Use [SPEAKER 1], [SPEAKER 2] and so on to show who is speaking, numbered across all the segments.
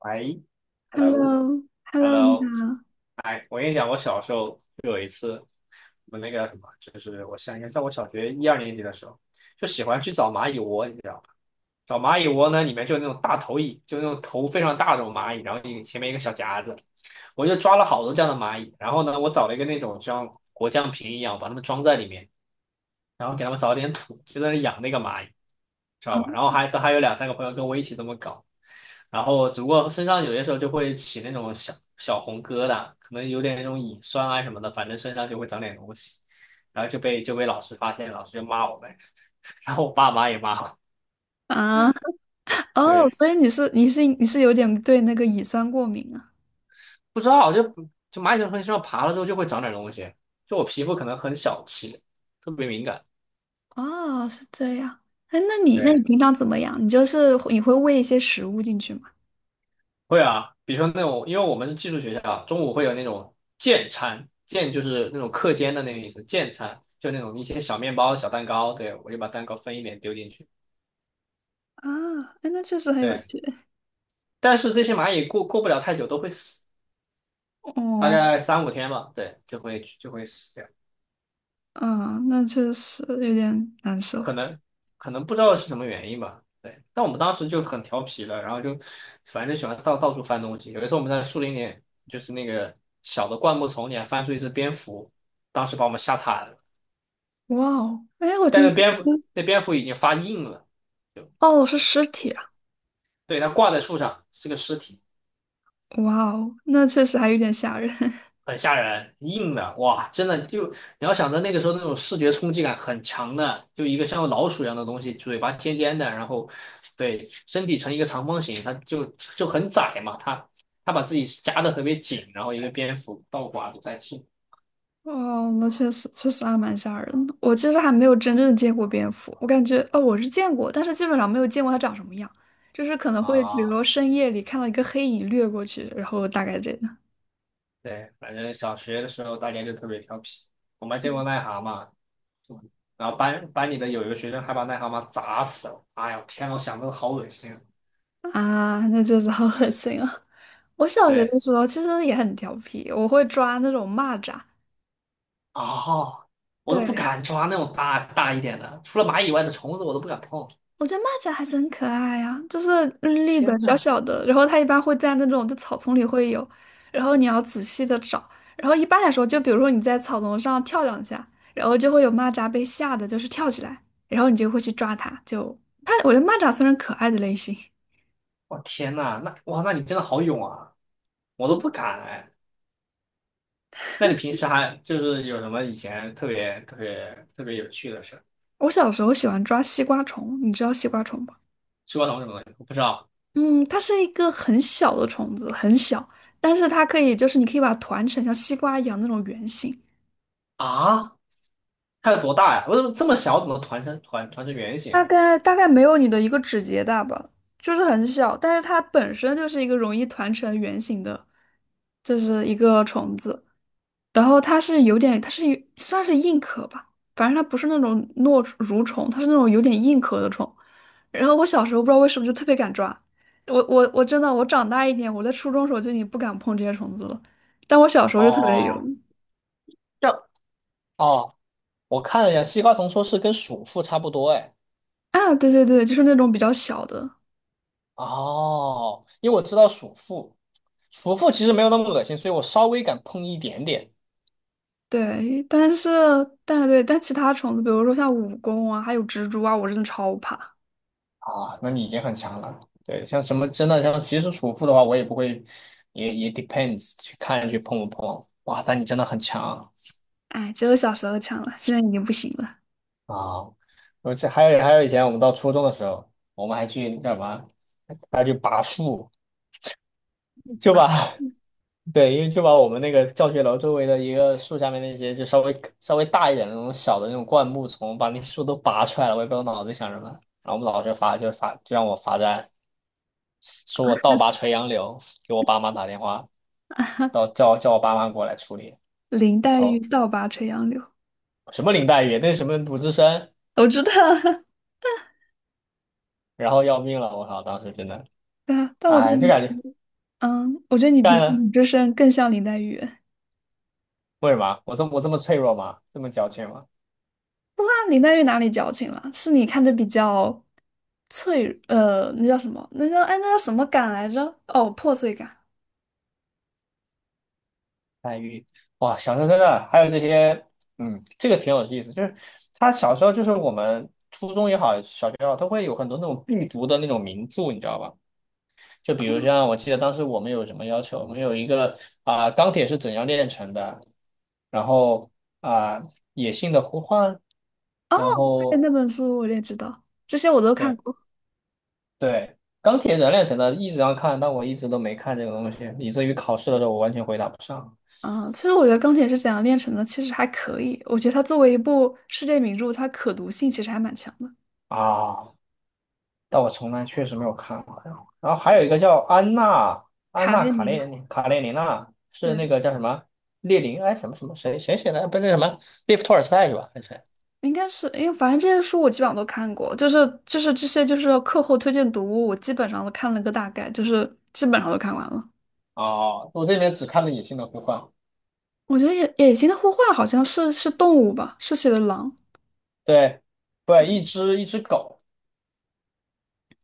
[SPEAKER 1] 喂
[SPEAKER 2] h e l l o
[SPEAKER 1] ，hello
[SPEAKER 2] h e l l o 你
[SPEAKER 1] hello，
[SPEAKER 2] 好。
[SPEAKER 1] 哎，我跟你讲，我小时候就有一次，我那个什么，就是我想应该在我小学一二年级的时候，就喜欢去找蚂蚁窝，你知道吗？找蚂蚁窝呢，里面就有那种大头蚁，就那种头非常大的那种蚂蚁，然后一前面一个小夹子，我就抓了好多这样的蚂蚁，然后呢，我找了一个那种像果酱瓶一样，把它们装在里面，然后给他们找点土，就在那养那个蚂蚁，知道
[SPEAKER 2] 哦
[SPEAKER 1] 吧？然后还都还有两三个朋友跟我一起这么搞，然后只不过身上有些时候就会起那种小小红疙瘩，可能有点那种蚁酸啊什么的，反正身上就会长点东西，然后就被老师发现，老师就骂我们，然后我爸妈也骂我。
[SPEAKER 2] 啊，哦，
[SPEAKER 1] 对，
[SPEAKER 2] 所以你是有点对那个乙酸过敏啊？
[SPEAKER 1] 不知道就蚂蚁从身上爬了之后就会长点东西，就我皮肤可能很小气，特别敏感。
[SPEAKER 2] 哦，是这样。哎，那你
[SPEAKER 1] 对。
[SPEAKER 2] 平常怎么样？你就是你会喂一些食物进去吗？
[SPEAKER 1] 会啊，比如说那种，因为我们是寄宿学校，中午会有那种健餐，健就是那种课间的那个意思，健餐就那种一些小面包、小蛋糕，对，我就把蛋糕分一点丢进去，
[SPEAKER 2] 啊，哎，那确实很有
[SPEAKER 1] 对。
[SPEAKER 2] 趣。
[SPEAKER 1] 但是这些蚂蚁过不了太久都会死，大
[SPEAKER 2] 哦，
[SPEAKER 1] 概三五天吧，对，就会死掉，
[SPEAKER 2] 啊，那确实有点难
[SPEAKER 1] 可
[SPEAKER 2] 受。
[SPEAKER 1] 能不知道是什么原因吧，对。但我们当时就很调皮了，然后就反正就喜欢到处翻东西，有一次我们在树林里，就是那个小的灌木丛里还翻出一只蝙蝠，当时把我们吓惨了。
[SPEAKER 2] 哇哦，哎，我
[SPEAKER 1] 但
[SPEAKER 2] 听，
[SPEAKER 1] 那蝙蝠已经发硬了，
[SPEAKER 2] 哦，是
[SPEAKER 1] 对
[SPEAKER 2] 尸体啊！
[SPEAKER 1] 对，它挂在树上是个尸体，
[SPEAKER 2] 哇哦，那确实还有点吓人。
[SPEAKER 1] 很吓人，硬的，哇，真的就你要想着那个时候那种视觉冲击感很强的，就一个像老鼠一样的东西，嘴巴尖尖的，然后对身体呈一个长方形，它就很窄嘛，它把自己夹得特别紧，然后一个蝙蝠倒挂着在树
[SPEAKER 2] 哦，那确实还蛮吓人的。我其实还没有真正见过蝙蝠，我感觉哦，我是见过，但是基本上没有见过它长什么样，就是可能会比如说
[SPEAKER 1] 啊，
[SPEAKER 2] 深夜里看到一个黑影掠过去，然后大概这个
[SPEAKER 1] 对，反正小学的时候大家就特别调皮，我们还见过癞蛤蟆，然后班里的有一个学生还把癞蛤蟆砸死了。哎呀，天呐，我想都好恶心。
[SPEAKER 2] 啊，那就是好恶心啊！我小学
[SPEAKER 1] 对，
[SPEAKER 2] 的时候其实也很调皮，我会抓那种蚂蚱，
[SPEAKER 1] 哦，我都不
[SPEAKER 2] 对，
[SPEAKER 1] 敢抓那种大大一点的，除了蚂蚁以外的虫子我都不敢碰。
[SPEAKER 2] 我觉得蚂蚱还是很可爱啊，就是绿绿的、
[SPEAKER 1] 天
[SPEAKER 2] 小
[SPEAKER 1] 呐，
[SPEAKER 2] 小的，然后它一般会在那种就草丛里会有，然后你要仔细的找，然后一般来说，就比如说你在草丛上跳两下，然后就会有蚂蚱被吓得就是跳起来，然后你就会去抓它，就它，我觉得蚂蚱算是可爱的类型。
[SPEAKER 1] 我天呐，那哇，那你真的好勇啊！我都不敢哎。那你平时还就是有什么以前特别特别特别有趣的事？
[SPEAKER 2] 我小时候喜欢抓西瓜虫，你知道西瓜虫吗？
[SPEAKER 1] 吃过什么什么东西？我不知道
[SPEAKER 2] 嗯，它是一个很小的虫子，很小，但是它可以就是你可以把它团成像西瓜一样那种圆形。
[SPEAKER 1] 啊，它有多大呀？我怎么这么小？怎么团成团团成圆
[SPEAKER 2] 大
[SPEAKER 1] 形？
[SPEAKER 2] 概大概没有你的一个指节大吧，就是很小，但是它本身就是一个容易团成圆形的，就是一个虫子。然后它是有点，它是有算是硬壳吧，反正它不是那种糯蠕虫，它是那种有点硬壳的虫。然后我小时候不知道为什么就特别敢抓，我真的我长大一点，我在初中时候就已经不敢碰这些虫子了，但我小时候就特别有
[SPEAKER 1] 哦，这哦我看了一下，西瓜虫，说是跟鼠妇差不多，哎，
[SPEAKER 2] 啊，对对对，就是那种比较小的，
[SPEAKER 1] 哦，因为我知道鼠妇，鼠妇其实没有那么恶心，所以我稍微敢碰一点点
[SPEAKER 2] 对，但是但对，但其他虫子，比如说像蜈蚣啊，还有蜘蛛啊，我真的超怕。
[SPEAKER 1] 啊，那你已经很强了。对，像什么真的像其实鼠妇的话，我也不会，也 depends 去看去碰不碰。哇，但你真的很强
[SPEAKER 2] 哎，只有小时候强了，现在已经不行了。
[SPEAKER 1] 啊！我这还有以前我们到初中的时候，我们还去干嘛？还去拔树，就把 对，因为就把我们那个教学楼周围的一个树下面那些就稍微稍微大一点的那种小的那种灌木丛，把那树都拔出来了。我也不知道脑子里想什么。然后我们老师罚就罚就让我罚站，说我倒拔垂杨柳，给我爸妈打电话，叫我爸妈过来处理。
[SPEAKER 2] 林
[SPEAKER 1] 我
[SPEAKER 2] 黛玉
[SPEAKER 1] 操，
[SPEAKER 2] 倒拔垂杨柳，
[SPEAKER 1] 什么林黛玉，那什么鲁智深，
[SPEAKER 2] 我知道。
[SPEAKER 1] 然后要命了！我靠，当时真的，
[SPEAKER 2] 对啊，但我觉得
[SPEAKER 1] 哎，就
[SPEAKER 2] 你
[SPEAKER 1] 感觉
[SPEAKER 2] 嗯，我觉得你比
[SPEAKER 1] 干了
[SPEAKER 2] 你这身更像林黛玉。哇，
[SPEAKER 1] 为什么？我这么脆弱吗？这么矫情吗？
[SPEAKER 2] 林黛玉哪里矫情了？是你看着比较脆，那叫什么？那叫什么感来着？哦，破碎感。
[SPEAKER 1] 黛玉，哇，小说真的还有这些，嗯，这个挺有意思，就是他小时候就是我们初中也好，小学也好，都会有很多那种必读的那种名著，你知道吧？就比如像我记得当时我们有什么要求，我们有一个啊、钢铁是怎样炼成的，然后啊、野性的呼唤，
[SPEAKER 2] 哦，
[SPEAKER 1] 然
[SPEAKER 2] 对，
[SPEAKER 1] 后
[SPEAKER 2] 那本书我也知道，这些我都看
[SPEAKER 1] 对
[SPEAKER 2] 过。
[SPEAKER 1] 对，钢铁怎样炼成的一直要看，但我一直都没看这个东西，以至于考试的时候我完全回答不上
[SPEAKER 2] 嗯，其实我觉得《钢铁是怎样炼成的》其实还可以，我觉得它作为一部世界名著，它可读性其实还蛮强的。
[SPEAKER 1] 啊。但我从来确实没有看过。然后，然后还有一个叫安娜
[SPEAKER 2] 卡列尼娜，
[SPEAKER 1] 卡列尼娜，是
[SPEAKER 2] 对，
[SPEAKER 1] 那个叫什么列宁哎什么什么谁写的？不是那什么列夫托尔斯泰是吧？还是谁？
[SPEAKER 2] 应该是，因为反正这些书我基本上都看过，就是这些就是课后推荐读物，我基本上都看了个大概，就是基本上都看完了。
[SPEAKER 1] 哦，我这里面只看了《野性的呼唤》。
[SPEAKER 2] 我觉得野心的呼唤好像是动物吧，是写的狼。
[SPEAKER 1] 对，对，
[SPEAKER 2] 对
[SPEAKER 1] 一只狗。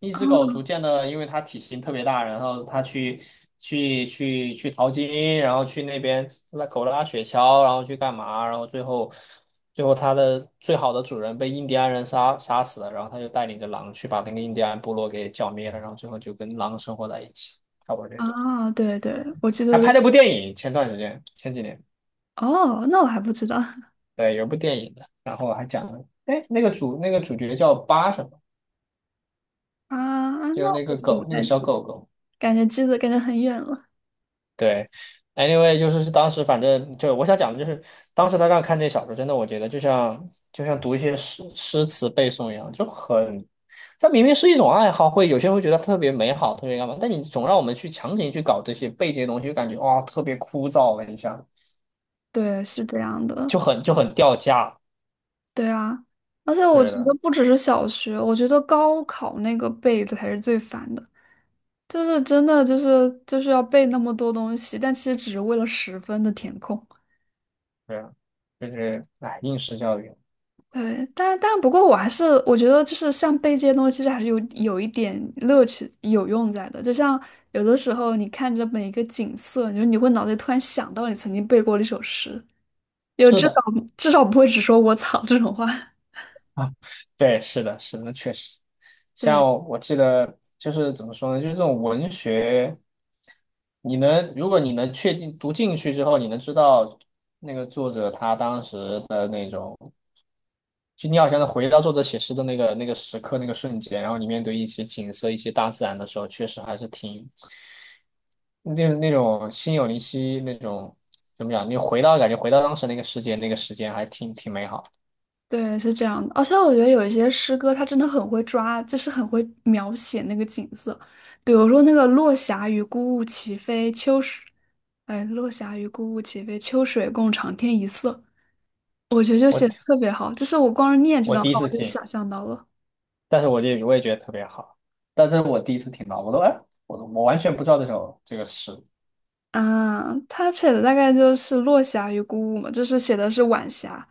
[SPEAKER 1] 一
[SPEAKER 2] 啊
[SPEAKER 1] 只狗逐渐的，因为它体型特别大，然后它去去淘金，然后去那边拉狗拉雪橇，然后去干嘛，然后最后它的最好的主人被印第安人杀死了，然后它就带领着狼去把那个印第安部落给剿灭了，然后最后就跟狼生活在一起，差不多这样。
[SPEAKER 2] 啊，对对，我记
[SPEAKER 1] 还
[SPEAKER 2] 得
[SPEAKER 1] 拍
[SPEAKER 2] 是
[SPEAKER 1] 了部电影，前段时间前几年，
[SPEAKER 2] 哦，那我还不知道
[SPEAKER 1] 对，有部电影的，然后还讲了，哎，那个主角叫巴什么，
[SPEAKER 2] 啊，
[SPEAKER 1] 就是
[SPEAKER 2] 那我
[SPEAKER 1] 那
[SPEAKER 2] 就
[SPEAKER 1] 个
[SPEAKER 2] 是不
[SPEAKER 1] 狗，那个
[SPEAKER 2] 太
[SPEAKER 1] 小
[SPEAKER 2] 记，
[SPEAKER 1] 狗狗。
[SPEAKER 2] 感觉很远了。
[SPEAKER 1] 对，anyway，就是当时反正就我想讲的就是，当时他让看这小说，真的我觉得就像读一些诗词背诵一样，就很，它明明是一种爱好，会有些人会觉得特别美好，特别干嘛，但你总让我们去强行去搞这些背这些东西，就感觉哇特别枯燥了你下，
[SPEAKER 2] 对，是这样
[SPEAKER 1] 就
[SPEAKER 2] 的。
[SPEAKER 1] 很掉价。
[SPEAKER 2] 对啊，而且我
[SPEAKER 1] 对
[SPEAKER 2] 觉
[SPEAKER 1] 的，
[SPEAKER 2] 得不只是小学，我觉得高考那个背的才是最烦的，就是真的就是要背那么多东西，但其实只是为了十分的填空。
[SPEAKER 1] 对的，就是哎应试教育，
[SPEAKER 2] 对，但不过我觉得就是像背这些东西，其实还是有一点乐趣有用在的。就像有的时候你看着每一个景色，你说你会脑子里突然想到你曾经背过的一首诗，有
[SPEAKER 1] 是
[SPEAKER 2] 至
[SPEAKER 1] 的
[SPEAKER 2] 少至少不会只说我操这种话。
[SPEAKER 1] 啊，对，是的，是的，确实。
[SPEAKER 2] 对。
[SPEAKER 1] 像我记得就是怎么说呢，就是这种文学，你能如果你能确定读进去之后，你能知道那个作者他当时的那种，就你好像能回到作者写诗的那个时刻那个瞬间，然后你面对一些景色、一些大自然的时候，确实还是挺那那种心有灵犀那种怎么讲？你回到感觉回到当时那个世界，那个时间还挺美好的。
[SPEAKER 2] 对，是这样的。而且我觉得有一些诗歌，它真的很会抓，就是很会描写那个景色。比如说那个“落霞与孤鹜齐飞，秋水”，哎，“落霞与孤鹜齐飞，秋水共长天一色”，我觉得就写的特
[SPEAKER 1] 我
[SPEAKER 2] 别好。就是我光是念这
[SPEAKER 1] 我
[SPEAKER 2] 段
[SPEAKER 1] 第
[SPEAKER 2] 话，
[SPEAKER 1] 一次
[SPEAKER 2] 我就
[SPEAKER 1] 听。
[SPEAKER 2] 想象到了。
[SPEAKER 1] 但是我也觉得特别好，但这是我第一次听到，我都哎，我都我完全不知道这首这个诗，
[SPEAKER 2] 嗯，他写的大概就是“落霞与孤鹜”嘛，就是写的是晚霞。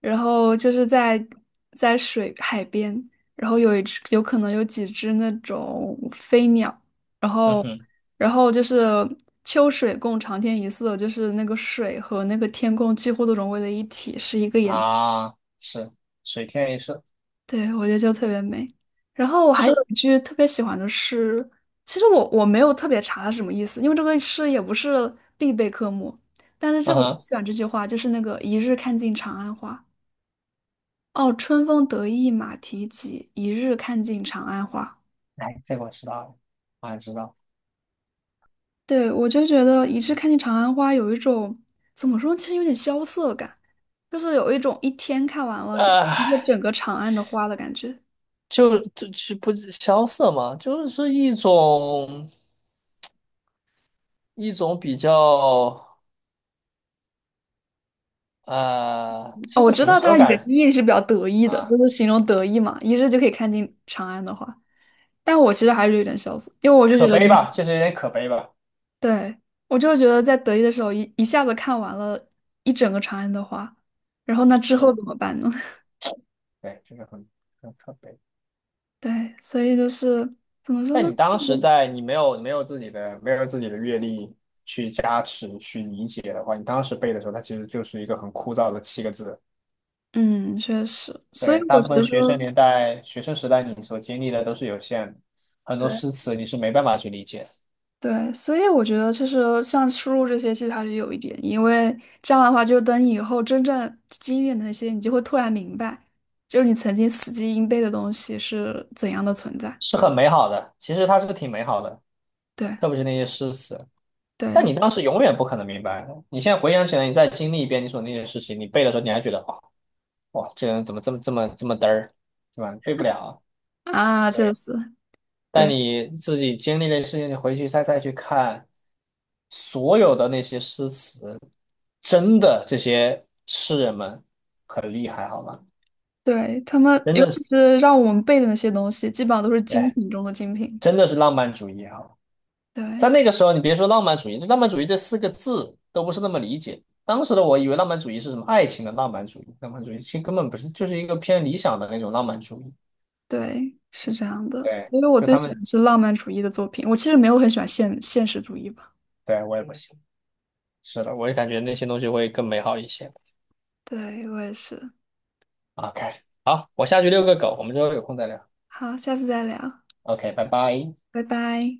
[SPEAKER 2] 然后就是在水海边，然后有一只有可能有几只那种飞鸟，然
[SPEAKER 1] 嗯
[SPEAKER 2] 后
[SPEAKER 1] 哼，
[SPEAKER 2] 就是秋水共长天一色，就是那个水和那个天空几乎都融为了一体，是一个颜色。
[SPEAKER 1] 啊，是水天一色，
[SPEAKER 2] 对，我觉得就特别美。然后我
[SPEAKER 1] 这
[SPEAKER 2] 还有
[SPEAKER 1] 是，
[SPEAKER 2] 一句特别喜欢的诗，其实我没有特别查它是什么意思，因为这个诗也不是必备科目，但是这
[SPEAKER 1] 嗯
[SPEAKER 2] 个我
[SPEAKER 1] 哼，
[SPEAKER 2] 喜欢这句话，就是那个一日看尽长安花。哦，春风得意马蹄疾，一日看尽长安花。
[SPEAKER 1] 哎，这个我知道了，我也知道，
[SPEAKER 2] 对，我就觉得一日看尽长安花有一种怎么说，其实有点萧瑟感，就是有一种一天看完了一
[SPEAKER 1] 呃，
[SPEAKER 2] 个整个长安的花的感觉。
[SPEAKER 1] 就不是萧瑟嘛，就是一种比较
[SPEAKER 2] 哦，
[SPEAKER 1] 现
[SPEAKER 2] 我
[SPEAKER 1] 在
[SPEAKER 2] 知
[SPEAKER 1] 怎么
[SPEAKER 2] 道
[SPEAKER 1] 形容
[SPEAKER 2] 它原
[SPEAKER 1] 感
[SPEAKER 2] 意是比较得意的，
[SPEAKER 1] 啊？
[SPEAKER 2] 就是形容得意嘛，一日就可以看尽长安的花。但我其实还是有点萧瑟，因为我就觉
[SPEAKER 1] 可
[SPEAKER 2] 得
[SPEAKER 1] 悲
[SPEAKER 2] 你，
[SPEAKER 1] 吧，确实有点可悲吧，
[SPEAKER 2] 对，我就觉得在得意的时候一下子看完了一整个长安的花，然后那之
[SPEAKER 1] 是
[SPEAKER 2] 后
[SPEAKER 1] 的，
[SPEAKER 2] 怎么办呢？
[SPEAKER 1] 对，这个很可悲。
[SPEAKER 2] 对，所以就是怎么说
[SPEAKER 1] 那
[SPEAKER 2] 呢？
[SPEAKER 1] 你
[SPEAKER 2] 是
[SPEAKER 1] 当时
[SPEAKER 2] 的
[SPEAKER 1] 在你没有自己的阅历去加持去理解的话，你当时背的时候，它其实就是一个很枯燥的七个字。
[SPEAKER 2] 嗯，确实，所以
[SPEAKER 1] 对，大
[SPEAKER 2] 我
[SPEAKER 1] 部
[SPEAKER 2] 觉
[SPEAKER 1] 分学生
[SPEAKER 2] 得，
[SPEAKER 1] 年代、学生时代你所经历的都是有限的，很多
[SPEAKER 2] 对
[SPEAKER 1] 诗词你是没办法去理解，
[SPEAKER 2] 对，所以我觉得其实像输入这些，其实还是有一点，因为这样的话，就等以后真正经历的那些，你就会突然明白，就是你曾经死记硬背的东西是怎样的存在。
[SPEAKER 1] 是很美好的，其实它是挺美好的，
[SPEAKER 2] 对
[SPEAKER 1] 特别是那些诗词。
[SPEAKER 2] 对
[SPEAKER 1] 但你当时永远不可能明白，你现在回想起来，你经历一遍你所那些事情，你背的时候你还觉得哇哇，这个人怎么这么这么这么嘚儿，对吧？背不了啊。
[SPEAKER 2] 啊，确
[SPEAKER 1] 对。
[SPEAKER 2] 实，
[SPEAKER 1] 但
[SPEAKER 2] 对
[SPEAKER 1] 你自己经历的事情，你回去再再去看所有的那些诗词，真的这些诗人们很厉害，好吗？
[SPEAKER 2] 对，他们
[SPEAKER 1] 真
[SPEAKER 2] 尤
[SPEAKER 1] 的
[SPEAKER 2] 其
[SPEAKER 1] 是，
[SPEAKER 2] 是让我们背的那些东西，基本上都是精
[SPEAKER 1] 哎，
[SPEAKER 2] 品中的精品。
[SPEAKER 1] 真的是浪漫主义哈。在
[SPEAKER 2] 对。
[SPEAKER 1] 那个时候，你别说浪漫主义，浪漫主义这四个字都不是那么理解。当时的我以为浪漫主义是什么爱情的浪漫主义，浪漫主义其实根本不是，就是一个偏理想的那种浪漫主义。
[SPEAKER 2] 对，是这样的。
[SPEAKER 1] 对，
[SPEAKER 2] 所以我
[SPEAKER 1] 就
[SPEAKER 2] 最
[SPEAKER 1] 他
[SPEAKER 2] 喜
[SPEAKER 1] 们，
[SPEAKER 2] 欢是浪漫主义的作品。我其实没有很喜欢现实主义吧。
[SPEAKER 1] 对，我也不行。是的，我也感觉那些东西会更美好一些。
[SPEAKER 2] 对，我也是。
[SPEAKER 1] OK，好，我下去遛个狗，我们之后有空再聊。
[SPEAKER 2] 好，下次再聊，
[SPEAKER 1] OK，拜拜。
[SPEAKER 2] 拜拜。